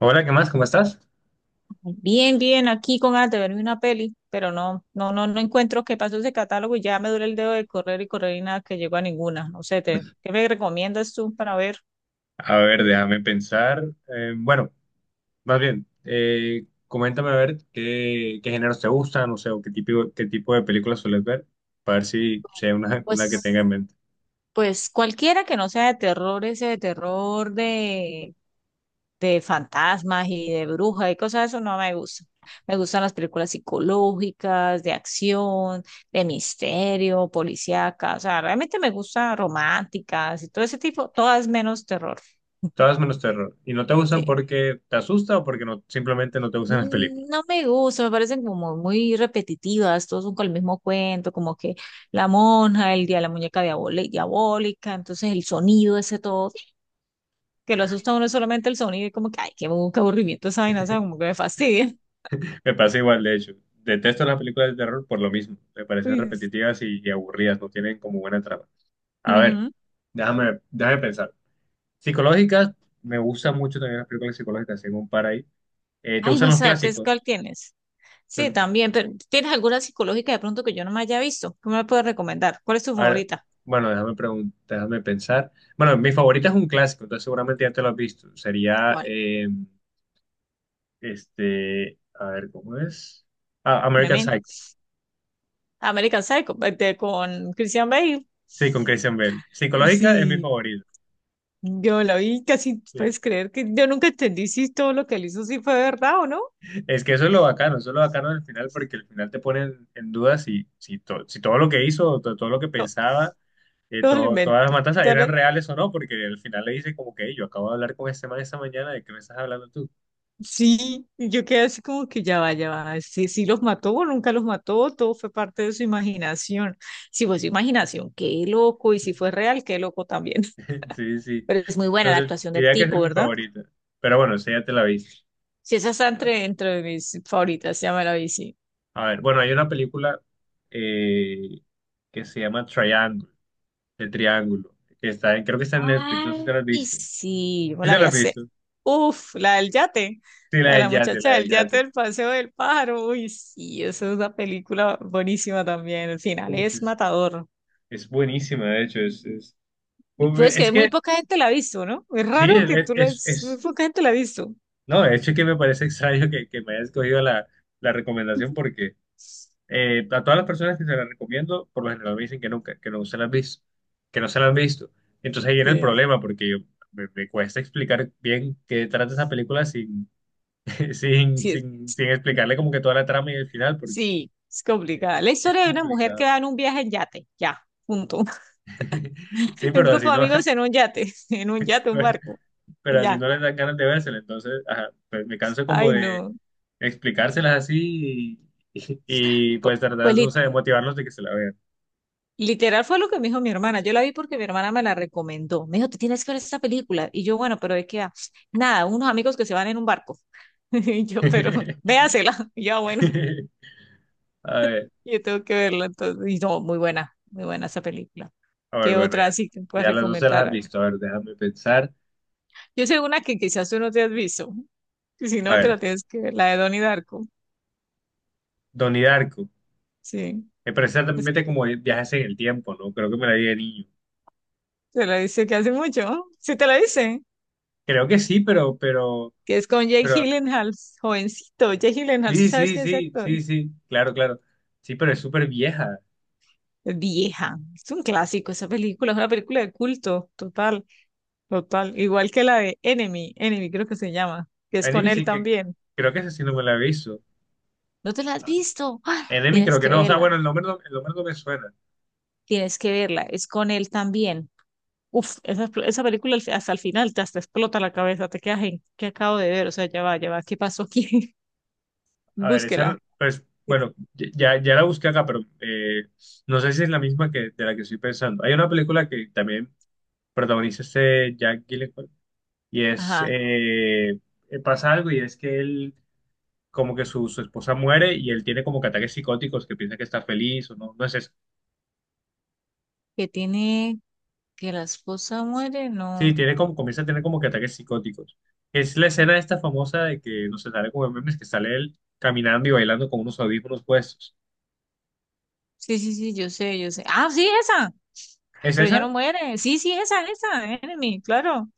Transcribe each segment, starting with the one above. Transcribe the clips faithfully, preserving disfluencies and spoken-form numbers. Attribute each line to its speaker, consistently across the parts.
Speaker 1: Hola, ¿qué más? ¿Cómo estás?
Speaker 2: Bien, bien, aquí con ganas de verme una peli, pero no, no, no, no encuentro qué pasó ese catálogo y ya me duele el dedo de correr y correr y nada que llego a ninguna. No sé, te, ¿qué me recomiendas tú para ver?
Speaker 1: A ver, déjame pensar. Eh, bueno, más bien, eh, coméntame a ver qué, qué géneros te gustan, no sé, o qué tipo, qué tipo de películas sueles ver, para ver si, si hay una, una que
Speaker 2: Pues,
Speaker 1: tenga en mente.
Speaker 2: pues cualquiera que no sea de terror, ese de terror de, de fantasmas y de brujas y cosas de eso no me gusta. Me gustan las películas psicológicas, de acción, de misterio, policíacas, o sea, realmente me gustan románticas y todo ese tipo, todas menos terror.
Speaker 1: Todas menos terror. Y no te gustan
Speaker 2: Sí.
Speaker 1: porque te asusta o porque no, simplemente no te gustan las
Speaker 2: Mm,
Speaker 1: películas.
Speaker 2: No me gusta, me parecen como muy repetitivas, todos son con el mismo cuento, como que la monja, el día de la muñeca diabole- diabólica, entonces el sonido ese todo, que lo asusta a uno solamente el sonido y como que, ay, qué, abu- qué aburrimiento esa vaina, o sea, como que me fastidia.
Speaker 1: Me pasa igual, de hecho. Detesto las películas de terror por lo mismo. Me parecen
Speaker 2: Uy.
Speaker 1: repetitivas y, y aburridas, no tienen como buena trama. A ver,
Speaker 2: Ujú.
Speaker 1: déjame, déjame pensar. Psicológicas, me gustan mucho también las películas psicológicas, tengo un par ahí. Eh, ¿te
Speaker 2: Ay,
Speaker 1: gustan los
Speaker 2: vas a ver, ¿qué es cuál
Speaker 1: clásicos?
Speaker 2: tienes? Sí,
Speaker 1: Pues,
Speaker 2: también, pero ¿tienes alguna psicológica de pronto que yo no me haya visto? ¿Qué me puedes recomendar? ¿Cuál es tu
Speaker 1: a ver,
Speaker 2: favorita?
Speaker 1: bueno, déjame preguntar, déjame pensar. Bueno, mi favorita es un clásico, entonces seguramente ya te lo has visto. Sería,
Speaker 2: ¿Cuál?
Speaker 1: eh, este, a ver, ¿cómo es? Ah, American
Speaker 2: Memento.
Speaker 1: Psycho.
Speaker 2: American Psycho, este, con Christian Bale.
Speaker 1: Sí, con Christian Bale. Psicológica es mi
Speaker 2: Sí.
Speaker 1: favorita.
Speaker 2: Yo la vi casi,
Speaker 1: Sí.
Speaker 2: puedes creer que yo nunca entendí si todo lo que él hizo sí fue verdad o no.
Speaker 1: Es que eso es lo bacano, eso es lo bacano del final, porque al final te ponen en duda si, si, to- si todo lo que hizo, to- todo lo que
Speaker 2: No,
Speaker 1: pensaba, eh,
Speaker 2: todo lo
Speaker 1: todo-
Speaker 2: invento.
Speaker 1: todas las matanzas
Speaker 2: todo
Speaker 1: eran
Speaker 2: lo-
Speaker 1: reales o no, porque al final le dice como que "Ey, yo acabo de hablar con este man esta mañana, ¿de qué me estás hablando tú?
Speaker 2: Sí, y yo quedé así como que ya va, ya va. Sí, sí los mató o nunca los mató, todo fue parte de su imaginación. Si fue su imaginación, qué loco, y si fue real, qué loco también.
Speaker 1: Sí, sí.
Speaker 2: Pero es muy buena la
Speaker 1: Entonces,
Speaker 2: actuación del
Speaker 1: diría que esa
Speaker 2: tipo,
Speaker 1: es mi
Speaker 2: ¿verdad?
Speaker 1: favorita. Pero bueno, esa ya te la viste.
Speaker 2: Sí, esa está entre, entre mis favoritas, ya me la vi, sí.
Speaker 1: A ver, bueno, hay una película eh, que se llama Triángulo, de Triángulo, que está en, creo que está en Netflix, no sé si te
Speaker 2: Ay,
Speaker 1: la has
Speaker 2: y
Speaker 1: visto.
Speaker 2: sí, yo
Speaker 1: ¿Sí
Speaker 2: la
Speaker 1: te
Speaker 2: vi
Speaker 1: la has
Speaker 2: hace.
Speaker 1: visto?
Speaker 2: Uf, la del yate,
Speaker 1: Sí, la
Speaker 2: la de
Speaker 1: del
Speaker 2: la
Speaker 1: yate, la
Speaker 2: muchacha
Speaker 1: del
Speaker 2: del yate
Speaker 1: yate.
Speaker 2: del Paseo del Pájaro. Uy, sí, esa es una película buenísima también. El final
Speaker 1: Uf,
Speaker 2: es
Speaker 1: es,
Speaker 2: matador.
Speaker 1: es buenísima, de hecho, es, es,
Speaker 2: Y
Speaker 1: uf,
Speaker 2: puedes
Speaker 1: es
Speaker 2: que muy
Speaker 1: que,
Speaker 2: poca gente la ha visto, ¿no? Es
Speaker 1: sí,
Speaker 2: raro
Speaker 1: es,
Speaker 2: que tú la...
Speaker 1: es,
Speaker 2: Muy
Speaker 1: es-
Speaker 2: poca gente la ha visto.
Speaker 1: no, de hecho es que me parece extraño que, que me hayas cogido la, la recomendación porque Eh, a todas las personas que se las recomiendo, por lo general me dicen que nunca, que no se las han visto, que no se las han visto. Entonces ahí viene el
Speaker 2: Sí,
Speaker 1: problema, porque yo- me, me cuesta explicar bien qué trata esa película sin, sin,
Speaker 2: sí, es,
Speaker 1: sin, sin explicarle como que toda la trama y el final, porque
Speaker 2: sí, es complicada. La
Speaker 1: es
Speaker 2: historia de una mujer que
Speaker 1: complicado.
Speaker 2: va en un viaje en yate, ya, punto.
Speaker 1: Sí,
Speaker 2: Un
Speaker 1: pero
Speaker 2: grupo
Speaker 1: así
Speaker 2: de
Speaker 1: no,
Speaker 2: amigos en un yate, en un yate, un barco,
Speaker 1: pero así
Speaker 2: ya.
Speaker 1: no les dan ganas de vérsela, entonces ajá, pues me canso como
Speaker 2: Ay,
Speaker 1: de
Speaker 2: no.
Speaker 1: explicárselas así y, y,
Speaker 2: Pues,
Speaker 1: pues
Speaker 2: pues
Speaker 1: tratar, no sé, de motivarlos de que se la vean.
Speaker 2: literal fue lo que me dijo mi hermana. Yo la vi porque mi hermana me la recomendó. Me dijo, te tienes que ver esta película. Y yo, bueno, pero ¿de qué va? Nada, unos amigos que se van en un barco. Y yo, pero véasela. Y yo, "Ah, bueno,
Speaker 1: A ver.
Speaker 2: yo tengo que verla entonces. Y no, muy buena, muy buena esa película.
Speaker 1: A ver,
Speaker 2: ¿Qué
Speaker 1: bueno,
Speaker 2: otra
Speaker 1: ya,
Speaker 2: así que puedes
Speaker 1: ya las dos se las
Speaker 2: recomendar?
Speaker 1: has
Speaker 2: ¿Ana?
Speaker 1: visto. A ver, déjame pensar.
Speaker 2: Yo sé una que quizás tú no te has visto. Y si
Speaker 1: A
Speaker 2: no, te
Speaker 1: ver,
Speaker 2: la tienes que ver, la de Donnie Darko.
Speaker 1: Donnie Darko.
Speaker 2: Sí,
Speaker 1: Me parece
Speaker 2: Es-
Speaker 1: mete como viajes en el tiempo, ¿no? Creo que me la vi de niño.
Speaker 2: te la dice que hace mucho. ¿No? Sí, te la dice.
Speaker 1: Creo que sí, pero, pero,
Speaker 2: Que es con Jake
Speaker 1: pero,
Speaker 2: Gyllenhaal, jovencito. Jake Gyllenhaal, ¿sí
Speaker 1: sí,
Speaker 2: sabes
Speaker 1: sí,
Speaker 2: quién es ese
Speaker 1: sí,
Speaker 2: actor?
Speaker 1: sí, sí, claro, claro. Sí, pero es súper vieja.
Speaker 2: Vieja. Es un clásico esa película, es una película de culto, total, total. Igual que la de Enemy, Enemy creo que se llama, que es con
Speaker 1: Enemy
Speaker 2: él
Speaker 1: sí que,
Speaker 2: también.
Speaker 1: creo que esa sí no me la he visto.
Speaker 2: ¿No te la has visto? ¡Ah!
Speaker 1: Enemy
Speaker 2: Tienes
Speaker 1: creo que
Speaker 2: que
Speaker 1: no, o sea,
Speaker 2: verla,
Speaker 1: bueno, el nombre no, el nombre no me suena.
Speaker 2: tienes que verla, es con él también. Uf, esa, esa película al fi- hasta el final te hasta explota la cabeza, te quedas en, ¿qué acabo de ver? O sea, ya va, ya va, ¿qué pasó aquí?
Speaker 1: A ver,
Speaker 2: Búsquela.
Speaker 1: esa, pues, bueno, ya, ya la busqué acá, pero eh, no sé si es la misma que de la que estoy pensando. Hay una película que también protagoniza este Jack Gyllenhaal y es,
Speaker 2: Ajá,
Speaker 1: eh, eh, pasa algo y es que él, como que su, su esposa muere y él tiene como que ataques psicóticos, que piensa que está feliz o no, no es eso.
Speaker 2: que tiene, que la esposa muere,
Speaker 1: Sí,
Speaker 2: no.
Speaker 1: tiene como, comienza a tener como que ataques psicóticos. Es la escena esta famosa de que, no sé, sale como en memes, que sale él caminando y bailando con unos audífonos puestos.
Speaker 2: Sí, sí, sí, yo sé, yo sé. Ah, sí, esa.
Speaker 1: ¿Es
Speaker 2: Pero ella no
Speaker 1: esa?
Speaker 2: muere. Sí, sí, esa, esa, Enemy, claro.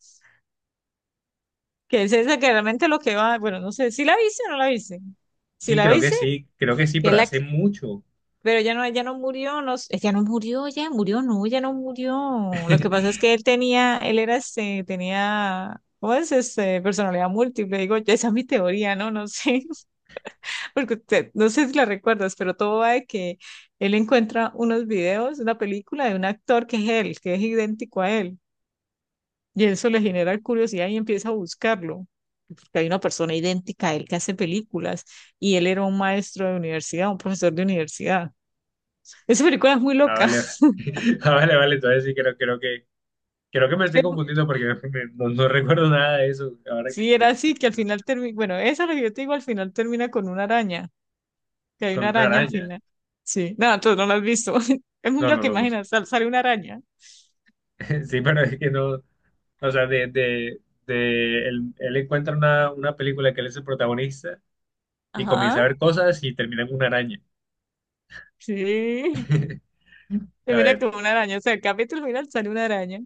Speaker 2: Que es esa que realmente lo que va. Bueno, no sé, ¿si la viste o no la viste? Si
Speaker 1: Sí,
Speaker 2: la
Speaker 1: creo que
Speaker 2: viste,
Speaker 1: sí, creo que sí,
Speaker 2: que es
Speaker 1: pero
Speaker 2: la
Speaker 1: hace
Speaker 2: que.
Speaker 1: mucho.
Speaker 2: Pero ella no, ella no murió, no, s- ella no murió, ella murió, no, ella no murió. Lo que pasa es que él tenía, él era este, tenía, ¿cómo es? Este, personalidad múltiple. Digo, ya esa es mi teoría, ¿no? No sé, porque usted- no sé si la recuerdas, pero todo va de que él encuentra unos videos, una película de un actor que es él, que es idéntico a él. Y eso le genera curiosidad y empieza a buscarlo, porque hay una persona idéntica a él que hace películas y él era un maestro de universidad, un profesor de universidad. Esa película es muy
Speaker 1: Ah,
Speaker 2: loca.
Speaker 1: vale, vale. Ah, vale, vale, entonces sí, creo, creo que, creo que me estoy
Speaker 2: Pero
Speaker 1: confundiendo porque me- no, no recuerdo nada de eso ahora que,
Speaker 2: sí, era
Speaker 1: que- que-
Speaker 2: así, que al final termina, bueno, esa es lo que yo te digo, al final termina con una araña, que hay
Speaker 1: con
Speaker 2: una
Speaker 1: una
Speaker 2: araña al
Speaker 1: araña.
Speaker 2: final. Sí, no, tú no la has visto. Es muy
Speaker 1: No,
Speaker 2: loca
Speaker 1: no, no, no.
Speaker 2: que sal- sale una araña.
Speaker 1: Sí, pero es que no. O sea, de, de, de él, él encuentra una, una película que él es el protagonista y
Speaker 2: Ajá.
Speaker 1: comienza a ver cosas y termina en una araña.
Speaker 2: Sí,
Speaker 1: A
Speaker 2: termina
Speaker 1: ver,
Speaker 2: con una araña, o sea, el capítulo final sale una araña.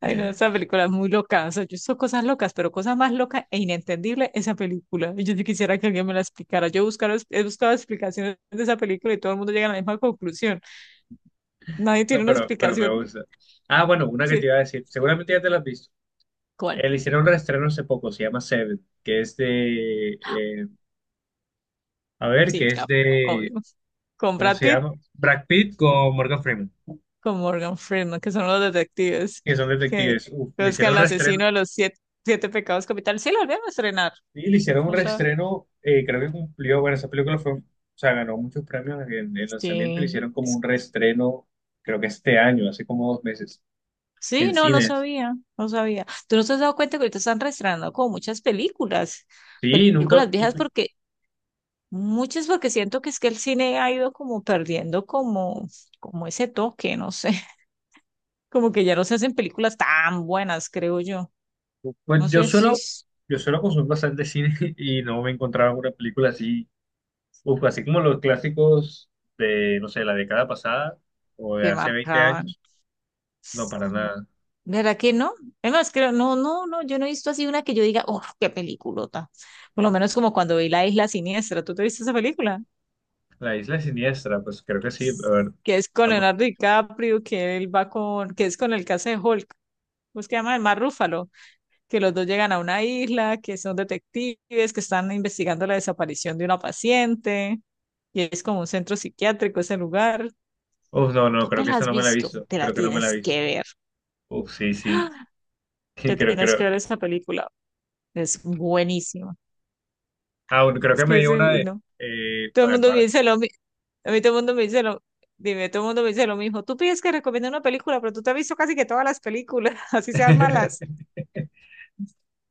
Speaker 2: Ay, no, esa película es muy loca. O sea, yo hizo cosas locas, pero cosa más loca e inentendible esa película. Y yo sí quisiera que alguien me la explicara. Yo buscar, he buscado explicaciones de esa película y todo el mundo llega a la misma conclusión. Nadie
Speaker 1: no,
Speaker 2: tiene una
Speaker 1: pero, pero me
Speaker 2: explicación.
Speaker 1: gusta. Ah, bueno, una que te
Speaker 2: Sí.
Speaker 1: iba a decir. Seguramente ya te la has visto.
Speaker 2: ¿Cuál?
Speaker 1: Él hicieron un reestreno hace poco, se llama Seven, que es de. eh, a ver,
Speaker 2: Sí,
Speaker 1: que es
Speaker 2: claro,
Speaker 1: de.
Speaker 2: obvio. Con
Speaker 1: ¿Cómo
Speaker 2: Brad
Speaker 1: se
Speaker 2: Pitt,
Speaker 1: llama? Brad Pitt con Morgan Freeman,
Speaker 2: con Morgan Freeman, que son los detectives
Speaker 1: que son
Speaker 2: que
Speaker 1: detectives. Uf, le
Speaker 2: buscan
Speaker 1: hicieron
Speaker 2: al
Speaker 1: un reestreno.
Speaker 2: asesino de los siete, siete pecados capitales. Sí, la volvieron a estrenar.
Speaker 1: Sí, le hicieron un
Speaker 2: O sea,
Speaker 1: reestreno, eh, creo que cumplió, bueno, esa película fue, o sea, ganó muchos premios en el lanzamiento y le
Speaker 2: sí.
Speaker 1: hicieron como un reestreno, creo que este año, hace como dos meses,
Speaker 2: Sí,
Speaker 1: en
Speaker 2: no, no
Speaker 1: cines.
Speaker 2: sabía, no sabía. ¿Tú no te has dado cuenta que ahorita están reestrenando como muchas películas,
Speaker 1: Sí, nunca,
Speaker 2: películas
Speaker 1: y,
Speaker 2: viejas porque muchas porque siento que es que el cine ha ido como perdiendo como como ese toque, no sé, como que ya no se hacen películas tan buenas, creo yo.
Speaker 1: pues
Speaker 2: No
Speaker 1: yo
Speaker 2: sé si
Speaker 1: suelo,
Speaker 2: es
Speaker 1: yo suelo consumir bastante cine y no me encontraba una película así, uf, así como los clásicos de, no sé, la década pasada o de
Speaker 2: que
Speaker 1: hace veinte
Speaker 2: marcaban.
Speaker 1: años, no, para
Speaker 2: Sí,
Speaker 1: nada.
Speaker 2: ¿verdad que no? Es más, creo, no, no, no, yo no he visto así una que yo diga, oh, qué peliculota. Por lo menos como cuando vi La Isla Siniestra, ¿tú te viste esa película?
Speaker 1: La Isla Siniestra, pues creo que sí, a ver,
Speaker 2: Que es con
Speaker 1: estamos,
Speaker 2: Leonardo DiCaprio, que él va con, que es con el que hace de Hulk, ¿cómo es que se llama? El Mar Rúfalo, que los dos llegan a una isla, que son detectives, que están investigando la desaparición de una paciente, y es como un centro psiquiátrico ese lugar.
Speaker 1: uf, no, no,
Speaker 2: ¿No te
Speaker 1: creo que
Speaker 2: la
Speaker 1: esa
Speaker 2: has
Speaker 1: no me la he
Speaker 2: visto?
Speaker 1: visto,
Speaker 2: Te la
Speaker 1: creo que no me la he
Speaker 2: tienes que
Speaker 1: visto.
Speaker 2: ver.
Speaker 1: Uf, sí, sí.
Speaker 2: ¡Ah!
Speaker 1: Sí,
Speaker 2: Te
Speaker 1: Creo,
Speaker 2: tienes que
Speaker 1: creo.
Speaker 2: ver esa película. Es buenísima.
Speaker 1: Ah, bueno, creo
Speaker 2: Es
Speaker 1: que
Speaker 2: que
Speaker 1: me
Speaker 2: yo
Speaker 1: dio una
Speaker 2: soy- y
Speaker 1: de.
Speaker 2: no.
Speaker 1: eh,
Speaker 2: Todo
Speaker 1: a
Speaker 2: el
Speaker 1: ver,
Speaker 2: mundo me
Speaker 1: vale.
Speaker 2: dice lo mismo. A mí todo el mundo me dice lo Dime, todo el mundo me dice lo mismo. Tú pides que recomiende una película, pero tú te has visto casi que todas las películas, así sean malas.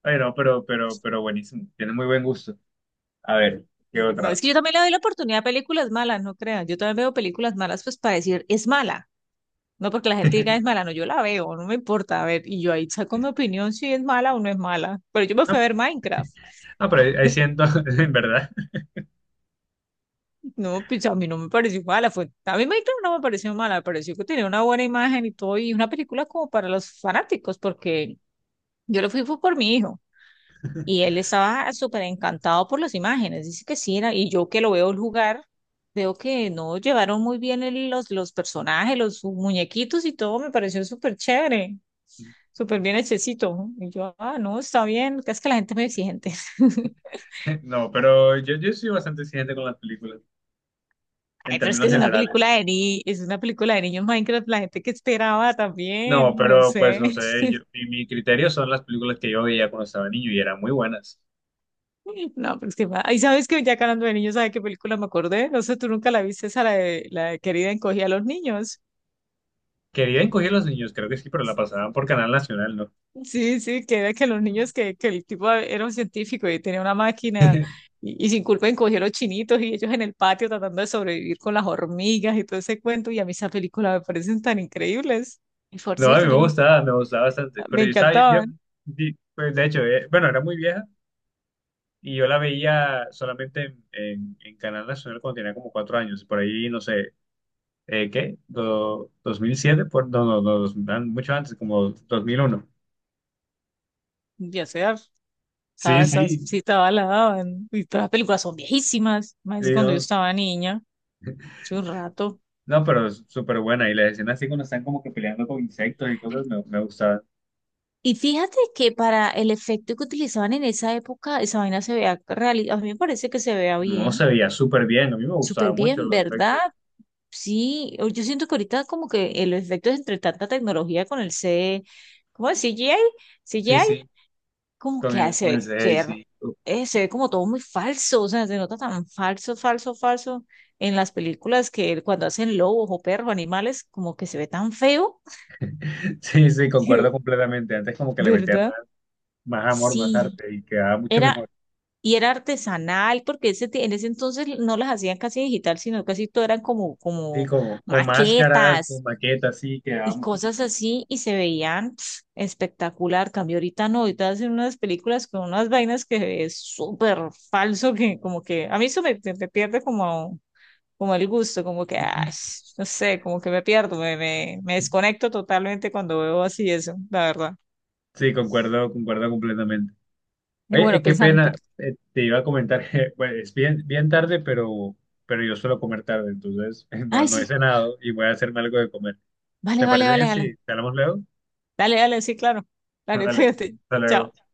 Speaker 1: Ay, no pero, pero, pero buenísimo. Tiene muy buen gusto. A ver, ¿qué
Speaker 2: No,
Speaker 1: otra?
Speaker 2: es que yo también le doy la oportunidad a películas malas, no crean. Yo también veo películas malas, pues para decir es mala. No porque la gente diga es mala, no, yo la veo, no me importa. A ver, y yo ahí saco mi opinión si es mala o no es mala. Pero yo me fui
Speaker 1: Ah,
Speaker 2: a ver Minecraft.
Speaker 1: ah, pero ahí ahí siento, en verdad.
Speaker 2: No, pues a mí no me pareció mala. Fue, a mí Minecraft no me pareció mala, me pareció que tenía una buena imagen y todo. Y una película como para los fanáticos, porque yo lo fui fue por mi hijo. Y él estaba súper encantado por las imágenes, dice que sí, era, y yo que lo veo jugar, veo que no llevaron muy bien el- los, los personajes, los muñequitos y todo, me pareció súper chévere, súper bien hechecito. Y yo, ah, no, está bien, es que la gente es muy exigente.
Speaker 1: No, pero yo, yo soy bastante exigente con las películas, en
Speaker 2: Ay, pero es que
Speaker 1: términos
Speaker 2: es una
Speaker 1: generales.
Speaker 2: película de ni, es una película de niños Minecraft, la gente que esperaba
Speaker 1: No,
Speaker 2: también, no
Speaker 1: pero pues
Speaker 2: sé.
Speaker 1: no sé, yo, mi, mi criterio son las películas que yo veía cuando estaba niño y eran muy buenas.
Speaker 2: No, pero es que, ahí sabes que ya que hablando de niños, ¿sabes qué película me acordé? No sé, tú nunca la viste, esa la de, la de Querida encogía a los niños.
Speaker 1: Que bien cogían los niños, creo que sí, pero la pasaban por Canal Nacional, ¿no?
Speaker 2: Sí, sí, que era que los niños, que, que el tipo era un científico y tenía una máquina y, y sin culpa encogió los chinitos y ellos en el patio tratando de sobrevivir con las hormigas y todo ese cuento. Y a mí esas películas me parecen tan increíbles. Y por
Speaker 1: No, a mí
Speaker 2: cierto,
Speaker 1: me
Speaker 2: yo no,
Speaker 1: gustaba, me gustaba bastante.
Speaker 2: me
Speaker 1: Pero yo estaba bien, yo,
Speaker 2: encantaban.
Speaker 1: di- pues de hecho, eh, bueno, era muy vieja y yo la veía solamente en, en, en Canal Nacional cuando tenía como cuatro años. Por ahí, no sé, eh, ¿qué? Do- ¿dos mil siete? Por, no, no, no, dos- an- mucho antes, como dos mil uno.
Speaker 2: Ya sea,
Speaker 1: Sí,
Speaker 2: estaba esas,
Speaker 1: sí,
Speaker 2: sí, estaba la daban. Y todas las películas son viejísimas,
Speaker 1: sí,
Speaker 2: más cuando yo
Speaker 1: no,
Speaker 2: estaba niña, hace un rato.
Speaker 1: no, pero es súper buena. Y las escenas así cuando están como que peleando con insectos y cosas, me, me gustaba.
Speaker 2: Y fíjate que para el efecto que utilizaban en esa época, esa vaina se vea real, a mí me parece que se vea
Speaker 1: No se
Speaker 2: bien.
Speaker 1: veía súper bien, a mí me gustaba
Speaker 2: Súper
Speaker 1: mucho
Speaker 2: bien,
Speaker 1: los
Speaker 2: ¿verdad?
Speaker 1: efectos.
Speaker 2: Sí, o- yo siento que ahorita como que el efecto es entre tanta tecnología con el C, ¿cómo es? C G I,
Speaker 1: Sí,
Speaker 2: C G I,
Speaker 1: sí,
Speaker 2: como
Speaker 1: con
Speaker 2: que
Speaker 1: el, con el
Speaker 2: hace
Speaker 1: C G I,
Speaker 2: ser,
Speaker 1: sí.
Speaker 2: eh, se ve como todo muy falso, o sea, se nota tan falso, falso, falso en las películas que cuando hacen lobos o perros, animales, como que se ve tan feo,
Speaker 1: Sí, sí,
Speaker 2: que-
Speaker 1: concuerdo completamente. Antes como que le metía
Speaker 2: ¿verdad?
Speaker 1: más, más amor, más
Speaker 2: Sí,
Speaker 1: arte y quedaba mucho
Speaker 2: era,
Speaker 1: mejor.
Speaker 2: y era artesanal, porque ese, ti- en ese entonces no las hacían casi digital, sino casi todo eran como,
Speaker 1: Sí,
Speaker 2: como
Speaker 1: como con máscaras, con
Speaker 2: maquetas
Speaker 1: maquetas, sí, quedaba
Speaker 2: y
Speaker 1: mucho
Speaker 2: cosas
Speaker 1: mejor.
Speaker 2: así y se veían pf, espectacular. Cambio ahorita no, ahorita hacen unas películas con unas vainas que es súper falso, que como que a mí eso me, me me pierde como, como el gusto, como que, ah, sh- no sé, como que me pierdo, me, me, me desconecto totalmente cuando veo así eso, la verdad.
Speaker 1: Sí, concuerdo, concuerdo completamente.
Speaker 2: Y
Speaker 1: Oye,
Speaker 2: bueno,
Speaker 1: eh, qué
Speaker 2: pensando,
Speaker 1: pena,
Speaker 2: pero-
Speaker 1: eh, te iba a comentar que bueno, es bien, bien tarde, pero, pero yo suelo comer tarde, entonces no,
Speaker 2: ay,
Speaker 1: no he
Speaker 2: sí,
Speaker 1: cenado y voy a hacerme algo de comer.
Speaker 2: vale,
Speaker 1: ¿Te
Speaker 2: vale,
Speaker 1: parece
Speaker 2: vale,
Speaker 1: bien
Speaker 2: vale,
Speaker 1: si te hablamos luego?
Speaker 2: dale, dale, sí, claro, dale,
Speaker 1: Dale,
Speaker 2: cuídate,
Speaker 1: hasta
Speaker 2: chao.
Speaker 1: luego.